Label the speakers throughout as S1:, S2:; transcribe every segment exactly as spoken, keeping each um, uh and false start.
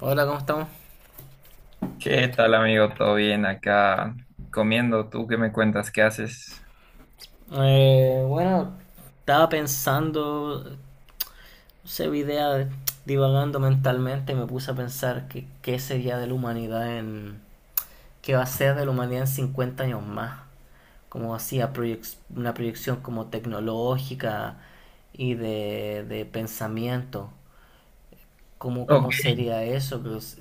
S1: Hola, ¿cómo estamos?
S2: ¿Qué tal, amigo? ¿Todo bien acá comiendo? ¿Tú qué me cuentas? ¿Qué haces?
S1: Eh, bueno, estaba pensando, se idea de- divagando mentalmente, y me puse a pensar que qué sería de la humanidad en... qué va a ser de la humanidad en cincuenta años más. Como hacía proyec- una proyección como tecnológica y de, de pensamiento. ¿Cómo,
S2: Ok,
S1: cómo sería eso? Pues,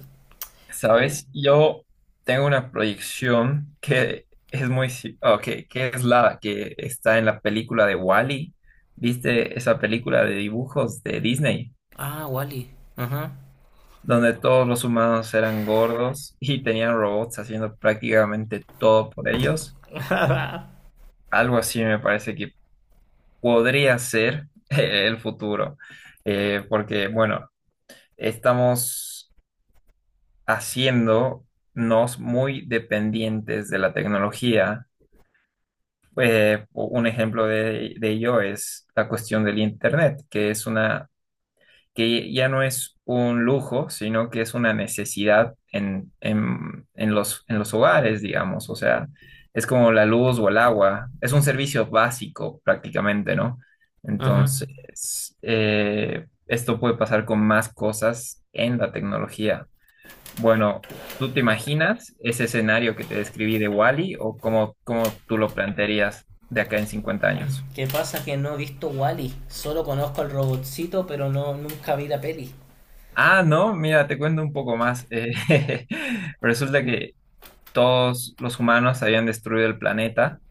S1: Y...
S2: sabes, yo tengo una proyección que es muy... si- Ok, que es la que está en la película de Wall-E. ¿Viste esa película de dibujos de Disney?
S1: Ah, Wally. Ajá.
S2: Donde todos los humanos eran gordos y tenían robots haciendo prácticamente todo por ellos. Algo así me parece que podría ser el futuro. Eh, porque, bueno... Estamos haciéndonos muy dependientes de la tecnología. Eh, un ejemplo de, de ello es la cuestión del Internet, que es una, que ya no es un lujo, sino que es una necesidad en, en, en los, en los hogares, digamos. O sea, es como la luz o el agua. Es un servicio básico prácticamente, ¿no?
S1: Ajá.
S2: Entonces, eh, esto puede pasar con más cosas en la tecnología. Bueno, ¿tú te imaginas ese escenario que te describí de Wally o cómo, cómo tú lo plantearías de acá en cincuenta años?
S1: ¿Qué pasa? Que no he visto Wally. Solo conozco al robotcito, pero no nunca vi la peli.
S2: Ah, no, mira, te cuento un poco más. Eh, resulta que todos los humanos habían destruido el planeta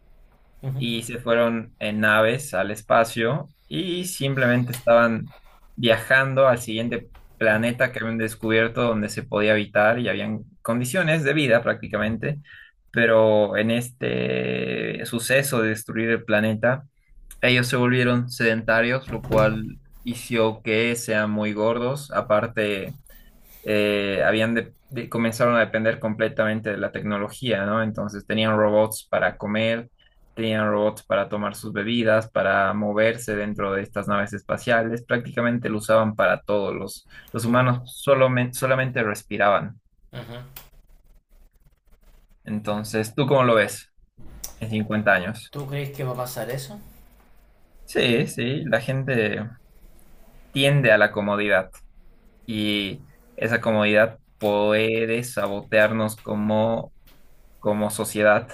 S1: Ujú.
S2: y se fueron en naves al espacio y simplemente estaban viajando al siguiente planeta que habían descubierto donde se podía habitar y habían condiciones de vida prácticamente, pero en este suceso de destruir el planeta, ellos se volvieron sedentarios, lo cual hizo que sean muy gordos, aparte eh, habían de- de- comenzaron a depender completamente de la tecnología, ¿no? Entonces tenían robots para comer, tenían robots para tomar sus bebidas, para moverse dentro de estas naves espaciales, prácticamente lo usaban para todo, los, los
S1: Mm,
S2: humanos solamente, solamente respiraban.
S1: ujú.
S2: Entonces, ¿tú cómo lo ves en cincuenta años?
S1: ¿Tú crees que va a pasar eso?
S2: Sí, sí, la gente tiende a la comodidad y esa comodidad puede sabotearnos como, como sociedad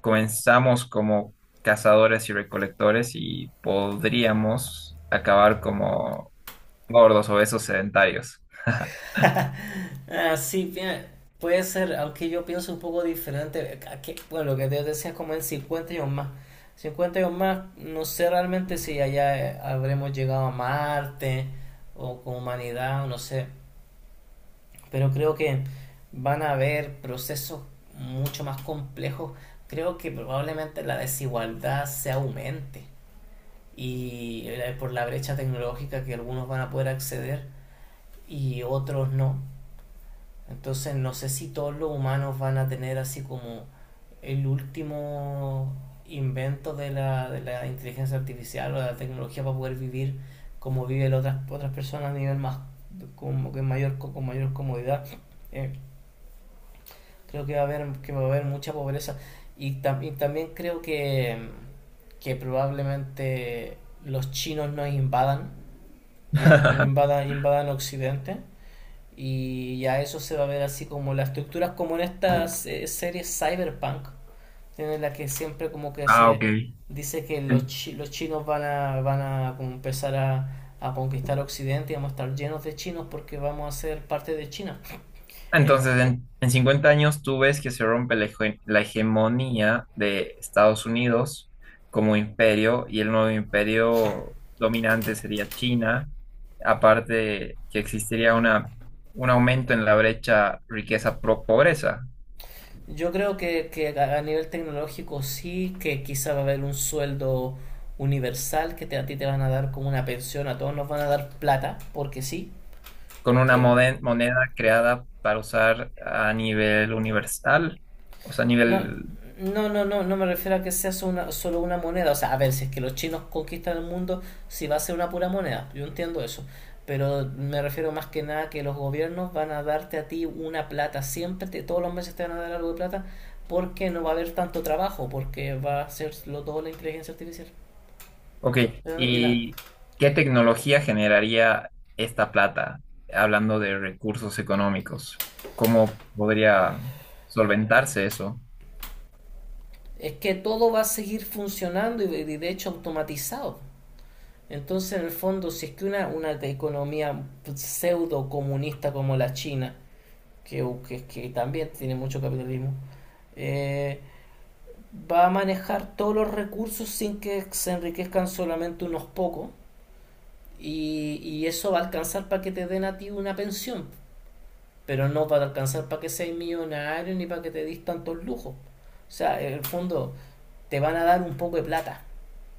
S2: comenzamos como cazadores y recolectores y podríamos acabar como gordos, obesos, sedentarios.
S1: Ah, sí, bien, puede ser, aunque yo pienso un poco diferente. A que- bueno, lo que te decía es como en cincuenta años más. Cincuenta años más, no sé realmente si allá eh, habremos llegado a Marte o con humanidad, no sé. Pero creo que van a haber procesos mucho más complejos. Creo que probablemente la desigualdad se aumente y eh, por la brecha tecnológica que algunos van a poder acceder y otros no. Entonces no sé si todos los humanos van a tener así como el último invento de la, de la inteligencia artificial o de la tecnología para poder vivir como viven otras, otras personas a nivel más como que mayor con mayor comodidad. Eh, Creo que va a haber, que va a haber mucha pobreza. Y, tam- y también creo que, que probablemente los chinos nos invadan y, un- y invadan, invadan Occidente. Y ya eso se va a ver así como las estructuras, como en estas eh, series Cyberpunk, en la que siempre como que
S2: Ah, ok.
S1: se dice que los,
S2: En-
S1: chi- los chinos van a, van a como empezar a, a conquistar Occidente y vamos a estar llenos de chinos porque vamos a ser parte de China.
S2: Entonces, en, en cincuenta años tú ves que se rompe la, hege- la hegemonía de Estados Unidos como imperio y el nuevo imperio dominante sería China, aparte que existiría una, un aumento en la brecha riqueza-pobreza,
S1: Yo creo que, que a a nivel tecnológico sí, que quizá va a haber un sueldo universal que te- a ti te van a dar como una pensión, a todos nos van a dar plata, porque sí.
S2: con una
S1: Eh,
S2: mode- moneda creada para usar a nivel universal, o sea, a
S1: no,
S2: nivel...
S1: no, no, no, no me refiero a que sea solo una, solo una moneda. O sea, a ver, si es que los chinos conquistan el mundo, si va a ser una pura moneda, yo entiendo eso. Pero me refiero más que nada que los gobiernos van a darte a ti una plata, siempre, te- todos los meses te van a dar algo de plata, porque no va a haber tanto trabajo, porque va a hacerlo todo la inteligencia artificial.
S2: Ok, ¿y qué tecnología generaría esta plata, hablando de recursos económicos? ¿Cómo podría solventarse eso?
S1: Es que todo va a seguir funcionando y y de hecho automatizado. Entonces, en el fondo, si es que una, una economía pseudo comunista como la China, que, que, que también tiene mucho capitalismo, eh, va a manejar todos los recursos sin que se enriquezcan solamente unos pocos, y, y eso va a alcanzar para que te den a ti una pensión. Pero no para alcanzar para que seas millonario ni para que te dis tantos lujos. O sea, en el fondo te van a dar un poco de plata,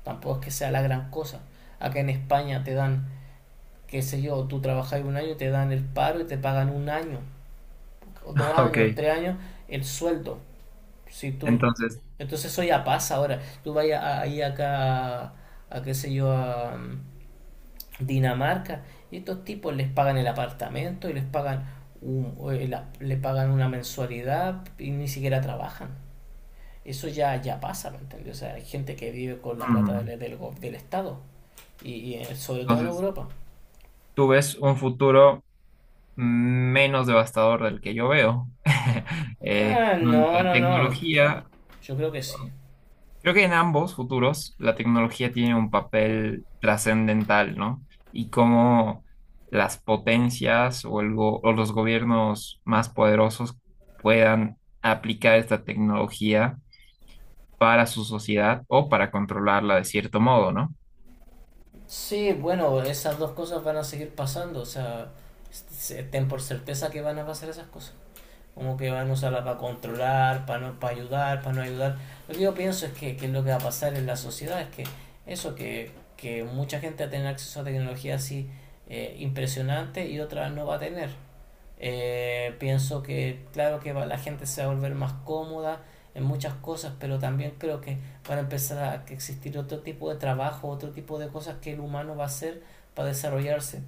S1: tampoco es que sea la gran cosa. Acá en España te dan, qué sé yo, tú trabajas un año, te dan el paro y te pagan un año, dos
S2: Ok,
S1: años, tres años, el sueldo. Si tú,
S2: entonces,
S1: Entonces eso ya pasa ahora. Tú vayas ahí acá, a a qué sé yo, a, Dinamarca, y estos tipos les pagan el apartamento y les pagan, un, eh, la- le pagan una mensualidad y ni siquiera trabajan. Eso ya, ya pasa, ¿me entiendes? O sea, hay gente que vive con la plata
S2: mm,
S1: del, del, del Estado, y, y, eh, sobre todo en
S2: entonces,
S1: Europa.
S2: tú ves un futuro menos devastador del que yo veo, eh,
S1: Ah,
S2: donde
S1: no,
S2: la
S1: no, no.
S2: tecnología...
S1: Yo creo que sí.
S2: Creo que en ambos futuros la tecnología tiene un papel trascendental, ¿no? Y cómo las potencias o, el go- o los gobiernos más poderosos puedan aplicar esta tecnología para su sociedad o para controlarla de cierto modo, ¿no?
S1: Sí, bueno, esas dos cosas van a seguir pasando, o sea, ten por certeza que van a pasar esas cosas. Como que van a usarla para controlar, para no, para ayudar, para no ayudar. Lo que yo pienso es que, que es lo que va a pasar en la sociedad es que eso, que, que mucha gente va a tener acceso a tecnología así eh, impresionante y otra no va a tener. Eh, pienso que, claro que va- la gente se va a volver más cómoda en muchas cosas, pero también creo que van a empezar a existir otro tipo de trabajo, otro tipo de cosas que el humano va a hacer para desarrollarse.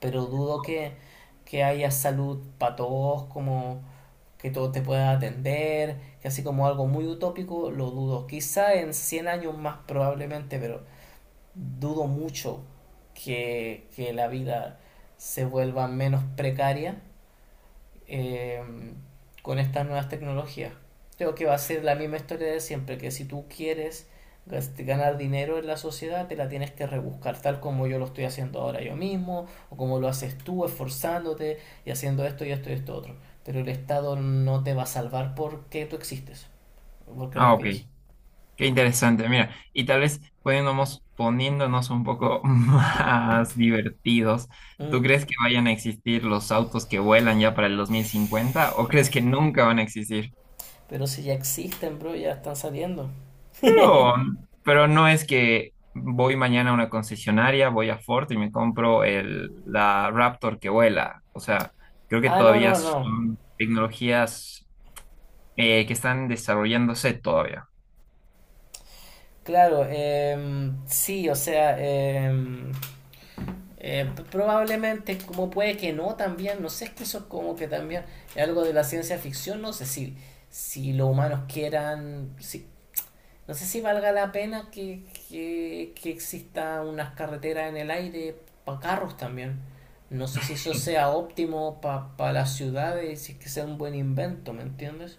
S1: Pero dudo que, que haya salud para todos como que todo te pueda atender, que así como algo muy utópico, lo dudo. Quizá en cien años más probablemente, pero dudo mucho que, que la vida se vuelva menos precaria eh, con estas nuevas tecnologías. Creo que va a ser la misma historia de siempre, que si tú quieres gas- ganar dinero en la sociedad, te la tienes que rebuscar, tal como yo lo estoy haciendo ahora yo mismo, o como lo haces tú, esforzándote y haciendo esto y esto y esto otro. Pero el Estado no te va a salvar porque tú existes, porque
S2: Ah, ok.
S1: respiras.
S2: Qué interesante, mira. Y tal vez poniéndonos, poniéndonos un poco más divertidos. ¿Tú
S1: Mm.
S2: crees que vayan a existir los autos que vuelan ya para el dos mil cincuenta o crees que nunca van a existir?
S1: Pero si ya existen, bro, ya están saliendo.
S2: Pero, pero no es que voy mañana a una concesionaria, voy a Ford y me compro el, la Raptor que vuela. O sea, creo que
S1: Ah, no,
S2: todavía
S1: no, no.
S2: son tecnologías eh, que están desarrollándose todavía.
S1: Claro, em, sí, o sea, em, Eh, probablemente, como puede que no, también, no sé, es que eso es como que también es algo de la ciencia ficción, no sé si, si los humanos quieran, si, no sé si valga la pena que, que, que exista unas carreteras en el aire para carros también. No sé si eso sea óptimo para las ciudades, si es que sea un buen invento, ¿me entiendes?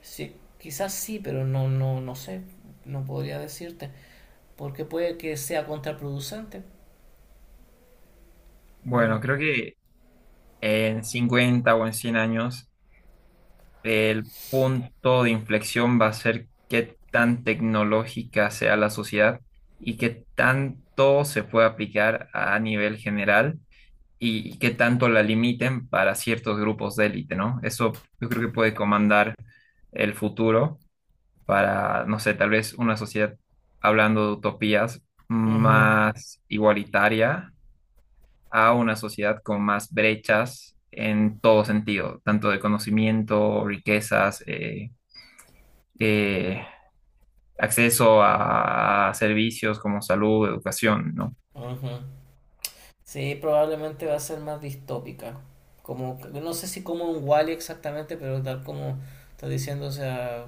S1: Sí, quizás sí, pero no, no, no sé, no podría decirte, porque puede que sea contraproducente.
S2: Bueno,
S1: Mm.
S2: creo que en cincuenta o en cien años el punto de inflexión va a ser qué tan tecnológica sea la sociedad y qué tanto se puede aplicar a nivel general y qué tanto la limiten para ciertos grupos de élite, ¿no? Eso yo creo que puede comandar el futuro para, no sé, tal vez una sociedad, hablando de utopías,
S1: Ujú.
S2: más igualitaria a una sociedad con más brechas en todo sentido, tanto de conocimiento, riquezas, eh, eh, acceso a, a servicios como salud, educación, ¿no?
S1: Ajá. Sí, probablemente va a ser más distópica. Como, no sé si como un Wall-E exactamente, pero tal como estás diciendo, o sea,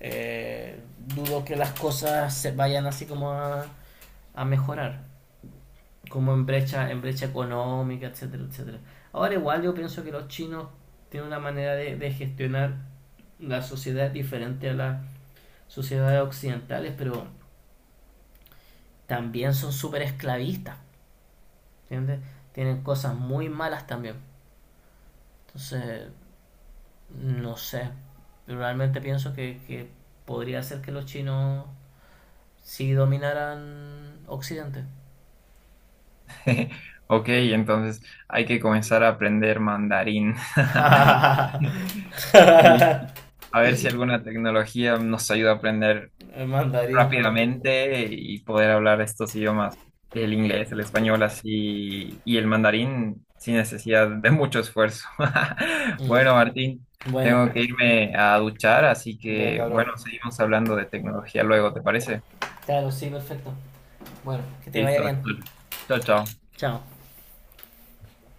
S1: eh, dudo que las cosas se vayan así como a, a mejorar, como en brecha, en brecha económica, etcétera, etcétera. Ahora igual yo pienso que los chinos tienen una manera de, de gestionar la sociedad diferente a las sociedades occidentales, pero también son súper esclavistas, ¿entiendes? Tienen cosas muy malas también. Entonces, no sé. Realmente pienso que, que podría ser que los chinos sí dominaran Occidente.
S2: Ok, entonces hay que comenzar a aprender mandarín. Y a ver si alguna tecnología nos ayuda a aprender
S1: El mandarín, claro.
S2: rápidamente y poder hablar estos idiomas, el inglés, el español así y el mandarín sin necesidad de mucho esfuerzo.
S1: Mm.
S2: Bueno, Martín,
S1: Bueno,
S2: tengo que irme a duchar, así
S1: bien,
S2: que
S1: cabrón.
S2: bueno, seguimos hablando de tecnología luego, ¿te parece?
S1: Claro, sí, perfecto. Bueno, que te vaya
S2: Listo.
S1: bien.
S2: Chao, chao.
S1: Chao.